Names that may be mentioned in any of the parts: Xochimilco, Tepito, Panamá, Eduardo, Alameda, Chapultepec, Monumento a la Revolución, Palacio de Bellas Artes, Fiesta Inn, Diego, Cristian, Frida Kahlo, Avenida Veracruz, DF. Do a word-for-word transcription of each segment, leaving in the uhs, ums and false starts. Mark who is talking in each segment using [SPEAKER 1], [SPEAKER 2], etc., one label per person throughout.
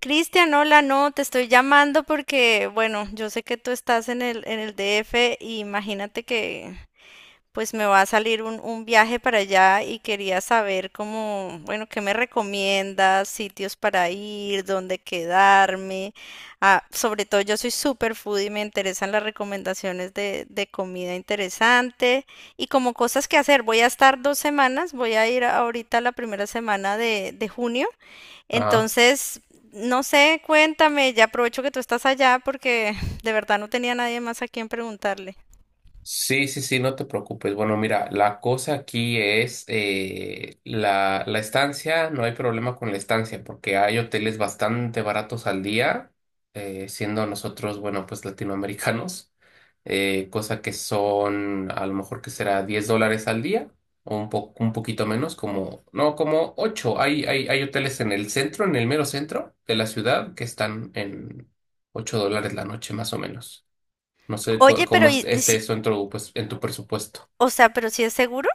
[SPEAKER 1] Cristian, hola, no, te estoy llamando porque, bueno, yo sé que tú estás en el, en el D F y imagínate que pues me va a salir un, un viaje para allá y quería saber cómo, bueno, qué me recomiendas, sitios para ir, dónde quedarme. Ah, sobre todo yo soy super foodie y me interesan las recomendaciones de, de comida interesante y como cosas que hacer. Voy a estar dos semanas, voy a ir ahorita la primera semana de de junio.
[SPEAKER 2] Ajá.
[SPEAKER 1] Entonces, no sé, cuéntame, ya aprovecho que tú estás allá porque de verdad no tenía nadie más a quien preguntarle.
[SPEAKER 2] Sí, sí, sí, no te preocupes. Bueno, mira, la cosa aquí es eh, la, la estancia, no hay problema con la estancia, porque hay hoteles bastante baratos al día, eh, siendo nosotros, bueno, pues latinoamericanos, eh, cosa que son a lo mejor que será diez dólares al día, o un po- un poquito menos, como, no, como ocho. Hay, hay, hay hoteles en el centro, en el mero centro de la ciudad, que están en ocho dólares la noche más o menos. No sé co-
[SPEAKER 1] Oye, pero
[SPEAKER 2] cómo es-
[SPEAKER 1] y- y
[SPEAKER 2] esté
[SPEAKER 1] si-
[SPEAKER 2] eso en tu, pues, en tu presupuesto.
[SPEAKER 1] o sea, pero si es seguro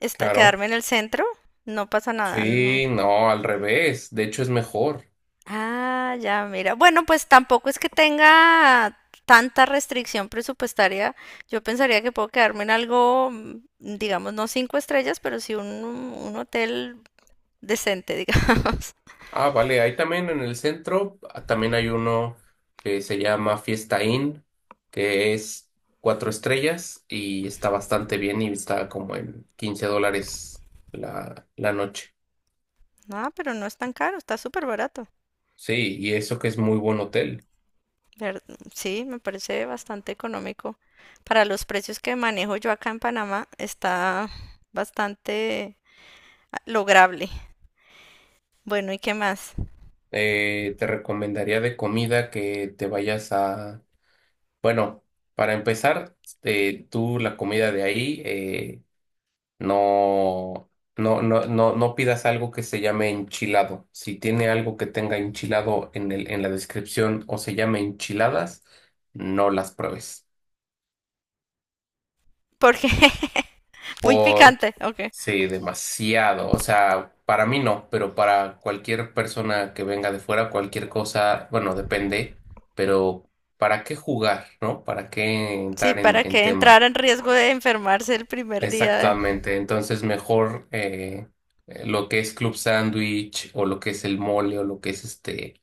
[SPEAKER 1] está
[SPEAKER 2] Claro.
[SPEAKER 1] quedarme en el centro, no pasa nada, no.
[SPEAKER 2] Sí, no, al revés. De hecho, es mejor.
[SPEAKER 1] Ah, ya, mira. Bueno, pues tampoco es que tenga tanta restricción presupuestaria. Yo pensaría que puedo quedarme en algo, mm, digamos, no cinco estrellas, pero sí un, un hotel decente, digamos.
[SPEAKER 2] Ah, vale. Ahí también en el centro, ah, también hay uno que se llama Fiesta Inn, que es cuatro estrellas y está bastante bien y está como en quince dólares la, la noche.
[SPEAKER 1] No, pero no es tan caro, está súper barato.
[SPEAKER 2] Sí, y eso que es muy buen hotel.
[SPEAKER 1] Ver- Sí, me parece bastante económico. Para los precios que manejo yo acá en Panamá, está bastante ah, lograble. Bueno, ¿y qué más?
[SPEAKER 2] Eh, te recomendaría de comida que te vayas a bueno, para empezar, eh, tú la comida de ahí, eh, no, no, no, no, no pidas algo que se llame enchilado. Si tiene algo que tenga enchilado en el, en la descripción o se llame enchiladas, no las pruebes.
[SPEAKER 1] Porque muy
[SPEAKER 2] Por,
[SPEAKER 1] picante, ok.
[SPEAKER 2] sí, demasiado. O sea, para mí no, pero para cualquier persona que venga de fuera, cualquier cosa, bueno, depende, pero ¿para qué jugar, no? ¿Para qué
[SPEAKER 1] Sí,
[SPEAKER 2] entrar en,
[SPEAKER 1] para
[SPEAKER 2] en
[SPEAKER 1] que
[SPEAKER 2] tema?
[SPEAKER 1] entrar en riesgo de enfermarse el primer día. de-
[SPEAKER 2] Exactamente, entonces mejor eh, eh, lo que es club sándwich o lo que es el mole o lo que es este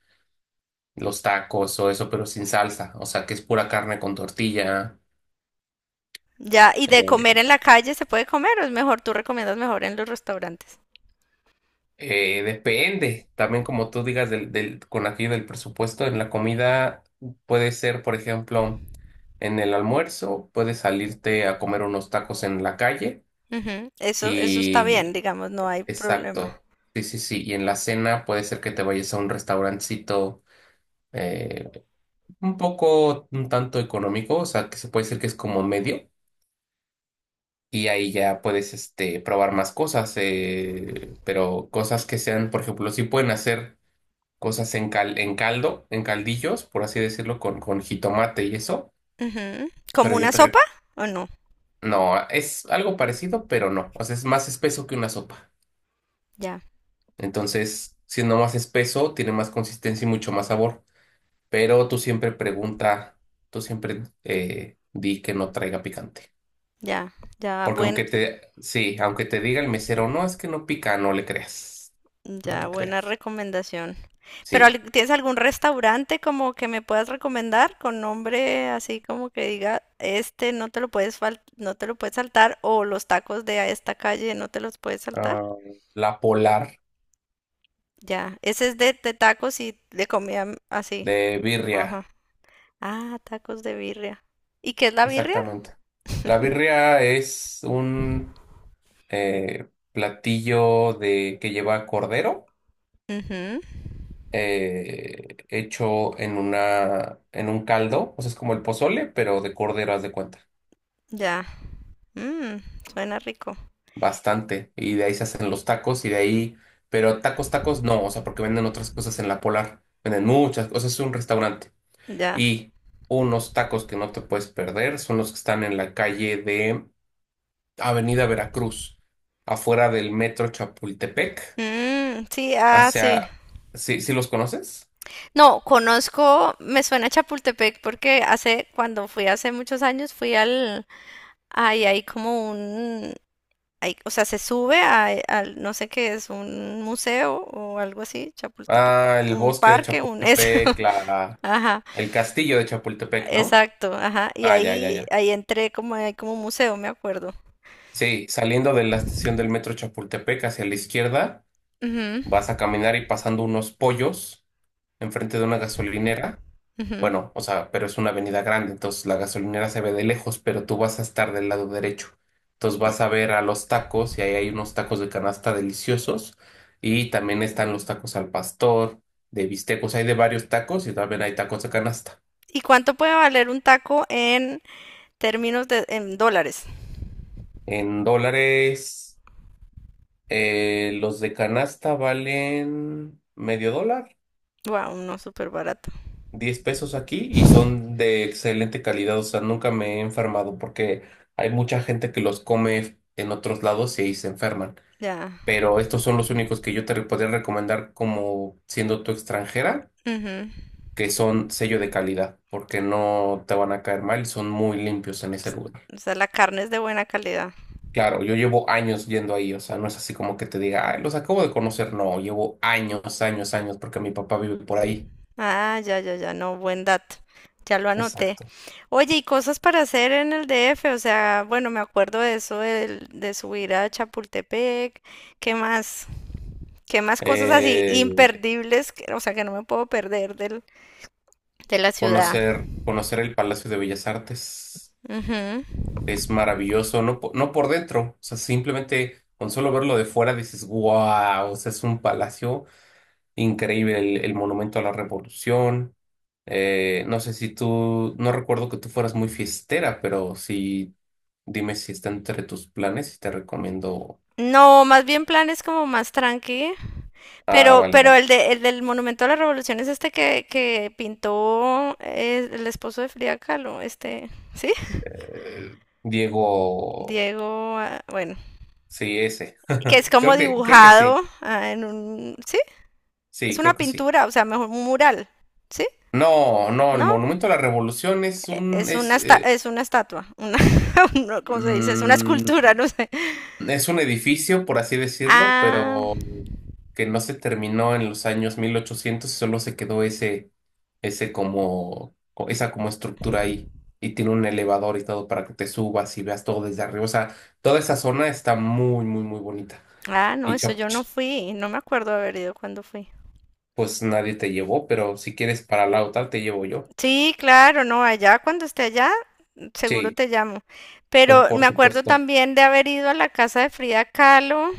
[SPEAKER 2] los tacos o eso, pero sin salsa, o sea que es pura carne con tortilla.
[SPEAKER 1] Ya, y de comer
[SPEAKER 2] eh,
[SPEAKER 1] en la calle, ¿se puede comer o es mejor? ¿Tú recomiendas mejor en los restaurantes?
[SPEAKER 2] eh, depende, también como tú digas del, del, con aquello del presupuesto, en la comida puede ser, por ejemplo, en el almuerzo, puedes salirte a comer unos tacos en la calle
[SPEAKER 1] Ujú. Eso, eso está bien,
[SPEAKER 2] y
[SPEAKER 1] digamos, no hay problema.
[SPEAKER 2] exacto, sí, sí, sí, y en la cena puede ser que te vayas a un restaurancito, eh, un poco, un tanto económico, o sea, que se puede decir que es como medio, y ahí ya puedes, este, probar más cosas, eh, pero cosas que sean, por ejemplo, si pueden hacer cosas en cal- en caldo, en caldillos, por así decirlo, con, con jitomate y eso,
[SPEAKER 1] Ujú. ¿Como
[SPEAKER 2] pero yo
[SPEAKER 1] una
[SPEAKER 2] te...
[SPEAKER 1] sopa
[SPEAKER 2] re-
[SPEAKER 1] o no?
[SPEAKER 2] No, es algo parecido, pero no, o sea, es más espeso que una sopa.
[SPEAKER 1] Ya,
[SPEAKER 2] Entonces, siendo más espeso, tiene más consistencia y mucho más sabor, pero tú siempre pregunta, tú siempre eh, di que no traiga picante.
[SPEAKER 1] ya, ya,
[SPEAKER 2] Porque
[SPEAKER 1] buen,
[SPEAKER 2] aunque te, sí, aunque te diga el mesero, no, es que no pica, no le creas. No
[SPEAKER 1] Ya,
[SPEAKER 2] le
[SPEAKER 1] buena
[SPEAKER 2] creas.
[SPEAKER 1] recomendación. Pero
[SPEAKER 2] Sí.
[SPEAKER 1] al- ¿tienes algún restaurante como que me puedas recomendar con nombre así como que diga, este no te lo puedes fal- no te lo puedes saltar o los tacos de a esta calle no te los puedes saltar?
[SPEAKER 2] Ah, la Polar
[SPEAKER 1] Ya, ese es de, de tacos y de comida m- así.
[SPEAKER 2] de birria.
[SPEAKER 1] Ajá. Ah, tacos de birria. ¿Y qué es la birria?
[SPEAKER 2] Exactamente. La birria es un eh, platillo de, que lleva cordero,
[SPEAKER 1] Ujú.
[SPEAKER 2] eh, hecho en una, en un caldo. O sea, es como el pozole, pero de cordero, haz de cuenta.
[SPEAKER 1] Ya. Mm, Suena rico.
[SPEAKER 2] Bastante. Y de ahí se hacen los tacos y de ahí, pero tacos, tacos no, o sea, porque venden otras cosas en la Polar. Venden muchas cosas, es un restaurante.
[SPEAKER 1] Ya.
[SPEAKER 2] Y unos tacos que no te puedes perder son los que están en la calle de Avenida Veracruz, afuera del metro Chapultepec,
[SPEAKER 1] Mm, sí, ah, sí.
[SPEAKER 2] hacia... ¿Sí, sí los conoces?
[SPEAKER 1] No, conozco, me suena Chapultepec porque hace, cuando fui hace muchos años, fui al, ahí hay como un, hay- o sea, se sube a- al, no sé qué es, un museo o algo así, Chapultepec,
[SPEAKER 2] Ah, el
[SPEAKER 1] un
[SPEAKER 2] bosque de
[SPEAKER 1] parque, un, eso,
[SPEAKER 2] Chapultepec, la...
[SPEAKER 1] ajá,
[SPEAKER 2] el castillo de Chapultepec, ¿no?
[SPEAKER 1] exacto, ajá, y
[SPEAKER 2] Ah, ya, ya,
[SPEAKER 1] ahí,
[SPEAKER 2] ya.
[SPEAKER 1] ahí entré como, hay como un museo, me acuerdo.
[SPEAKER 2] Sí, saliendo de la estación del metro Chapultepec hacia la izquierda.
[SPEAKER 1] Ujú,
[SPEAKER 2] Vas a caminar y pasando unos pollos enfrente de una gasolinera.
[SPEAKER 1] ujú.
[SPEAKER 2] Bueno, o sea, pero es una avenida grande, entonces la gasolinera se ve de lejos, pero tú vas a estar del lado derecho. Entonces
[SPEAKER 1] De-
[SPEAKER 2] vas a ver a los tacos y ahí hay unos tacos de canasta deliciosos y también están los tacos al pastor, de bistecos, hay de varios tacos y también hay tacos de canasta.
[SPEAKER 1] ¿Y cuánto puede valer un taco en términos de, en dólares?
[SPEAKER 2] En dólares, eh, los de canasta valen medio dólar.
[SPEAKER 1] Wow, no, súper barato.
[SPEAKER 2] Diez pesos aquí y son de excelente calidad, o sea, nunca me he enfermado porque hay mucha gente que los come en otros lados y ahí se enferman.
[SPEAKER 1] Ya.
[SPEAKER 2] Pero estos son los únicos que yo te podría recomendar como siendo tu extranjera,
[SPEAKER 1] Ujú.
[SPEAKER 2] que son sello de calidad, porque no te van a caer mal y son muy limpios en ese
[SPEAKER 1] s-
[SPEAKER 2] lugar.
[SPEAKER 1] O sea, la carne es de buena calidad.
[SPEAKER 2] Claro, yo llevo años yendo ahí, o sea, no es así como que te diga, "Ay, los acabo de conocer, no, llevo años, años, años, porque mi papá vive por ahí.
[SPEAKER 1] Ah, ya, ya, ya, no, buen dato. Ya lo anoté.
[SPEAKER 2] Exacto.
[SPEAKER 1] Oye, y cosas para hacer en el D F, o sea, bueno, me acuerdo de eso del- de, subir a Chapultepec. ¿Qué más? ¿Qué más cosas así
[SPEAKER 2] Eh,
[SPEAKER 1] imperdibles, que- o sea, que no me puedo perder del, de la ciudad?
[SPEAKER 2] conocer, conocer el Palacio de Bellas Artes.
[SPEAKER 1] Ujú.
[SPEAKER 2] Es maravilloso, no, po- no por dentro, o sea, simplemente con solo verlo de fuera dices, wow, o sea, es un palacio increíble, el, el monumento a la Revolución. Eh, no sé si tú, no recuerdo que tú fueras muy fiestera, pero sí, dime si está entre tus planes y te recomiendo.
[SPEAKER 1] No, más bien planes como más tranqui.
[SPEAKER 2] Ah,
[SPEAKER 1] Pero,
[SPEAKER 2] vale,
[SPEAKER 1] pero
[SPEAKER 2] vale.
[SPEAKER 1] el de, el del Monumento a la Revolución es este que, que pintó eh, el esposo de Frida Kahlo, este, ¿sí?
[SPEAKER 2] Eh, Diego,
[SPEAKER 1] Diego, ah, bueno,
[SPEAKER 2] sí, ese.
[SPEAKER 1] que es
[SPEAKER 2] Creo
[SPEAKER 1] como
[SPEAKER 2] que, creo que
[SPEAKER 1] dibujado
[SPEAKER 2] sí,
[SPEAKER 1] ah, en un, sí,
[SPEAKER 2] sí,
[SPEAKER 1] es una
[SPEAKER 2] creo que sí.
[SPEAKER 1] pintura, o sea, mejor un mural, ¿sí?
[SPEAKER 2] No, no, el
[SPEAKER 1] No,
[SPEAKER 2] Monumento a la Revolución es un,
[SPEAKER 1] es
[SPEAKER 2] es,
[SPEAKER 1] una esta-
[SPEAKER 2] eh,
[SPEAKER 1] es una estatua, una, no, ¿cómo se dice? Es una
[SPEAKER 2] mm,
[SPEAKER 1] escultura, no sé.
[SPEAKER 2] es un edificio, por así decirlo,
[SPEAKER 1] Ah,
[SPEAKER 2] pero que no se terminó en los años mil ochocientos y solo se quedó ese, ese como, co- esa como estructura ahí. Y tiene un elevador y todo para que te subas y veas todo desde arriba. O sea, toda esa zona está muy, muy, muy bonita.
[SPEAKER 1] ah, no,
[SPEAKER 2] Y
[SPEAKER 1] eso
[SPEAKER 2] chap-
[SPEAKER 1] yo no
[SPEAKER 2] ch-
[SPEAKER 1] fui, no me acuerdo haber ido cuando fui.
[SPEAKER 2] pues nadie te llevó, pero si quieres para la otra te llevo yo.
[SPEAKER 1] Sí, claro, no, allá cuando esté allá, seguro
[SPEAKER 2] Sí,
[SPEAKER 1] te llamo.
[SPEAKER 2] pues
[SPEAKER 1] Pero
[SPEAKER 2] por
[SPEAKER 1] me acuerdo
[SPEAKER 2] supuesto.
[SPEAKER 1] también de haber ido a la casa de Frida Kahlo.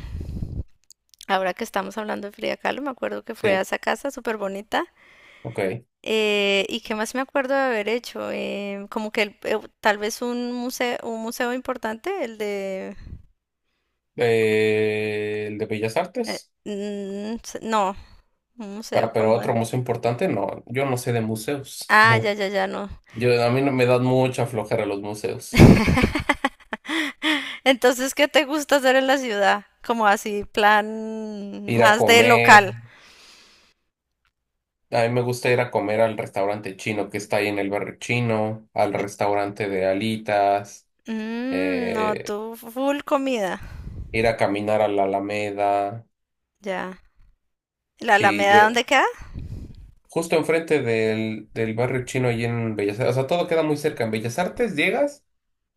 [SPEAKER 1] Ahora que estamos hablando de Frida Kahlo, me acuerdo que fue a
[SPEAKER 2] Sí,
[SPEAKER 1] esa casa súper bonita.
[SPEAKER 2] ok.
[SPEAKER 1] Eh, ¿y qué más me acuerdo de haber hecho? Eh, como que el- eh, tal vez un museo, un museo importante, el de.
[SPEAKER 2] Eh, el de Bellas
[SPEAKER 1] eh,
[SPEAKER 2] Artes.
[SPEAKER 1] mm, s- no, un museo
[SPEAKER 2] Ah, pero
[SPEAKER 1] como de.
[SPEAKER 2] otro museo importante, no, yo no sé de museos.
[SPEAKER 1] Ah, ya, ya, ya, no.
[SPEAKER 2] Yo, a mí no me dan mucha flojera los museos.
[SPEAKER 1] Entonces, ¿qué te gusta hacer en la ciudad? Como así, plan
[SPEAKER 2] Ir a
[SPEAKER 1] más de
[SPEAKER 2] comer,
[SPEAKER 1] local.
[SPEAKER 2] a mí me gusta ir a comer al restaurante chino que está ahí en el barrio chino, al restaurante de alitas,
[SPEAKER 1] Mm, no,
[SPEAKER 2] eh,
[SPEAKER 1] tú full comida.
[SPEAKER 2] ir a caminar a la Alameda.
[SPEAKER 1] Ya. ¿La
[SPEAKER 2] Sí, yo,
[SPEAKER 1] Alameda dónde queda?
[SPEAKER 2] justo enfrente del, del barrio chino ahí en Bellas Artes, o sea, todo queda muy cerca. En Bellas Artes llegas.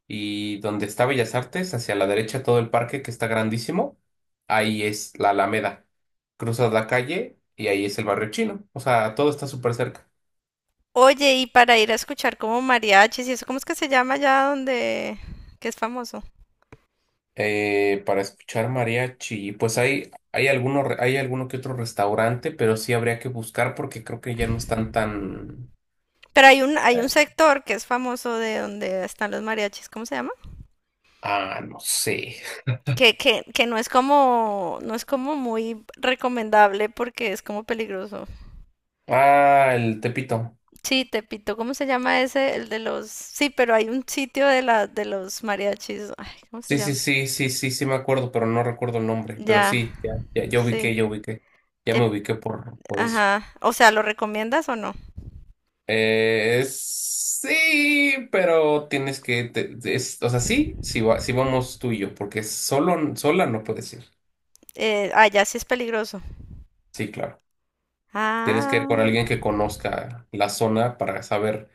[SPEAKER 2] Y donde está Bellas Artes, hacia la derecha todo el parque que está grandísimo, ahí es la Alameda. Cruzas la calle y ahí es el barrio chino. O sea, todo está súper cerca.
[SPEAKER 1] Oye, y para ir a escuchar como mariachis y eso, ¿cómo es que se llama allá donde que es famoso?
[SPEAKER 2] Eh, para escuchar mariachi, pues hay, hay alguno, re- hay alguno que otro restaurante, pero sí habría que buscar porque creo que ya no están tan...
[SPEAKER 1] Pero hay un, hay un sector que es famoso de donde están los mariachis, ¿cómo se llama?
[SPEAKER 2] Ah, no sé.
[SPEAKER 1] Que, que, que no es como, no es como muy recomendable porque es como peligroso.
[SPEAKER 2] Ah, el Tepito.
[SPEAKER 1] Sí, Tepito, ¿cómo se llama ese? El de los, sí, pero hay un sitio de la, de los mariachis. Ay, ¿cómo se
[SPEAKER 2] Sí, sí,
[SPEAKER 1] llama?
[SPEAKER 2] sí, sí, sí, sí me acuerdo, pero no recuerdo el nombre. Pero
[SPEAKER 1] Ya,
[SPEAKER 2] sí, ya, ya, ya
[SPEAKER 1] sí.
[SPEAKER 2] ubiqué, ya ubiqué. Ya me
[SPEAKER 1] Tep-
[SPEAKER 2] ubiqué por, por eso.
[SPEAKER 1] Ajá. O sea, ¿lo recomiendas o no?
[SPEAKER 2] Eh, sí, pero tienes que, te- te- es- o sea, sí, sí, va- sí vamos tú y yo, porque solo, sola no puedes ir.
[SPEAKER 1] Eh, ah, ya sí es peligroso.
[SPEAKER 2] Sí, claro. Tienes que ir con
[SPEAKER 1] Ah.
[SPEAKER 2] alguien que conozca la zona para saber,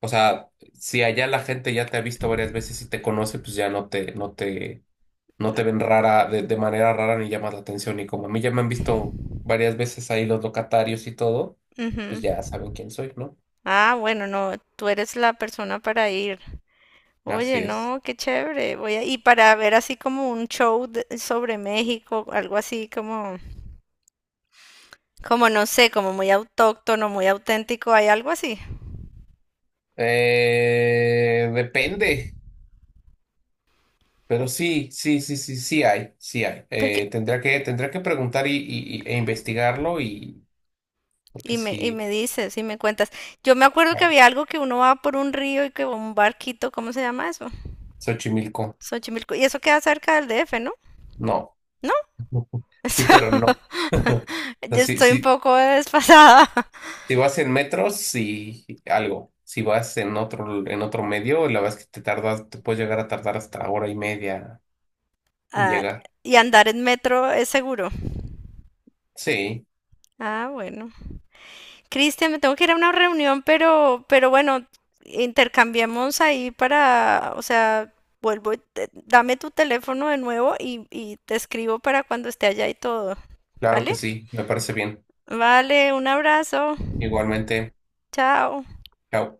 [SPEAKER 2] o sea, si allá la gente ya te ha visto varias veces y te conoce, pues ya no te, no te, no te ven rara, de, de manera rara ni llamas la atención. Y como a mí ya me han visto varias veces ahí los locatarios y todo, pues
[SPEAKER 1] Ujú.
[SPEAKER 2] ya saben quién soy, ¿no?
[SPEAKER 1] Ah, bueno, no, tú eres la persona para ir.
[SPEAKER 2] Así
[SPEAKER 1] Oye,
[SPEAKER 2] es.
[SPEAKER 1] no, qué chévere. Voy a, y para ver así como un show de- sobre México, algo así como, como no sé, como muy autóctono, muy auténtico, hay algo así.
[SPEAKER 2] Eh, depende. Pero sí, sí, sí, sí, sí hay, sí hay.
[SPEAKER 1] Porque,
[SPEAKER 2] Eh, tendría que, tendría que preguntar y, y- y- e investigarlo y porque
[SPEAKER 1] y me, y
[SPEAKER 2] sí,
[SPEAKER 1] me dices, y me cuentas. Yo me acuerdo que
[SPEAKER 2] no,
[SPEAKER 1] había algo que uno va por un río y que va un barquito, ¿cómo se llama eso?
[SPEAKER 2] Xochimilco,
[SPEAKER 1] Xochimilco. Y eso queda cerca del D F, ¿no?
[SPEAKER 2] no.
[SPEAKER 1] ¿No?
[SPEAKER 2] Sí,
[SPEAKER 1] Eso-
[SPEAKER 2] pero no. O sea,
[SPEAKER 1] Yo
[SPEAKER 2] sí,
[SPEAKER 1] estoy un
[SPEAKER 2] sí,
[SPEAKER 1] poco desfasada.
[SPEAKER 2] si vas en metros, sí, algo. Si vas en otro, en otro medio, la verdad es que te tardas, te puedes llegar a tardar hasta hora y media en
[SPEAKER 1] Ah,
[SPEAKER 2] llegar.
[SPEAKER 1] y andar en metro es seguro.
[SPEAKER 2] Sí,
[SPEAKER 1] Ah, bueno. Cristian, me tengo que ir a una reunión, pero, pero, bueno, intercambiamos ahí para, o sea, vuelvo, y te- dame tu teléfono de nuevo y, y te escribo para cuando esté allá y todo,
[SPEAKER 2] claro
[SPEAKER 1] ¿vale?
[SPEAKER 2] que sí, me parece bien.
[SPEAKER 1] Vale, un abrazo,
[SPEAKER 2] Igualmente,
[SPEAKER 1] chao.
[SPEAKER 2] chao.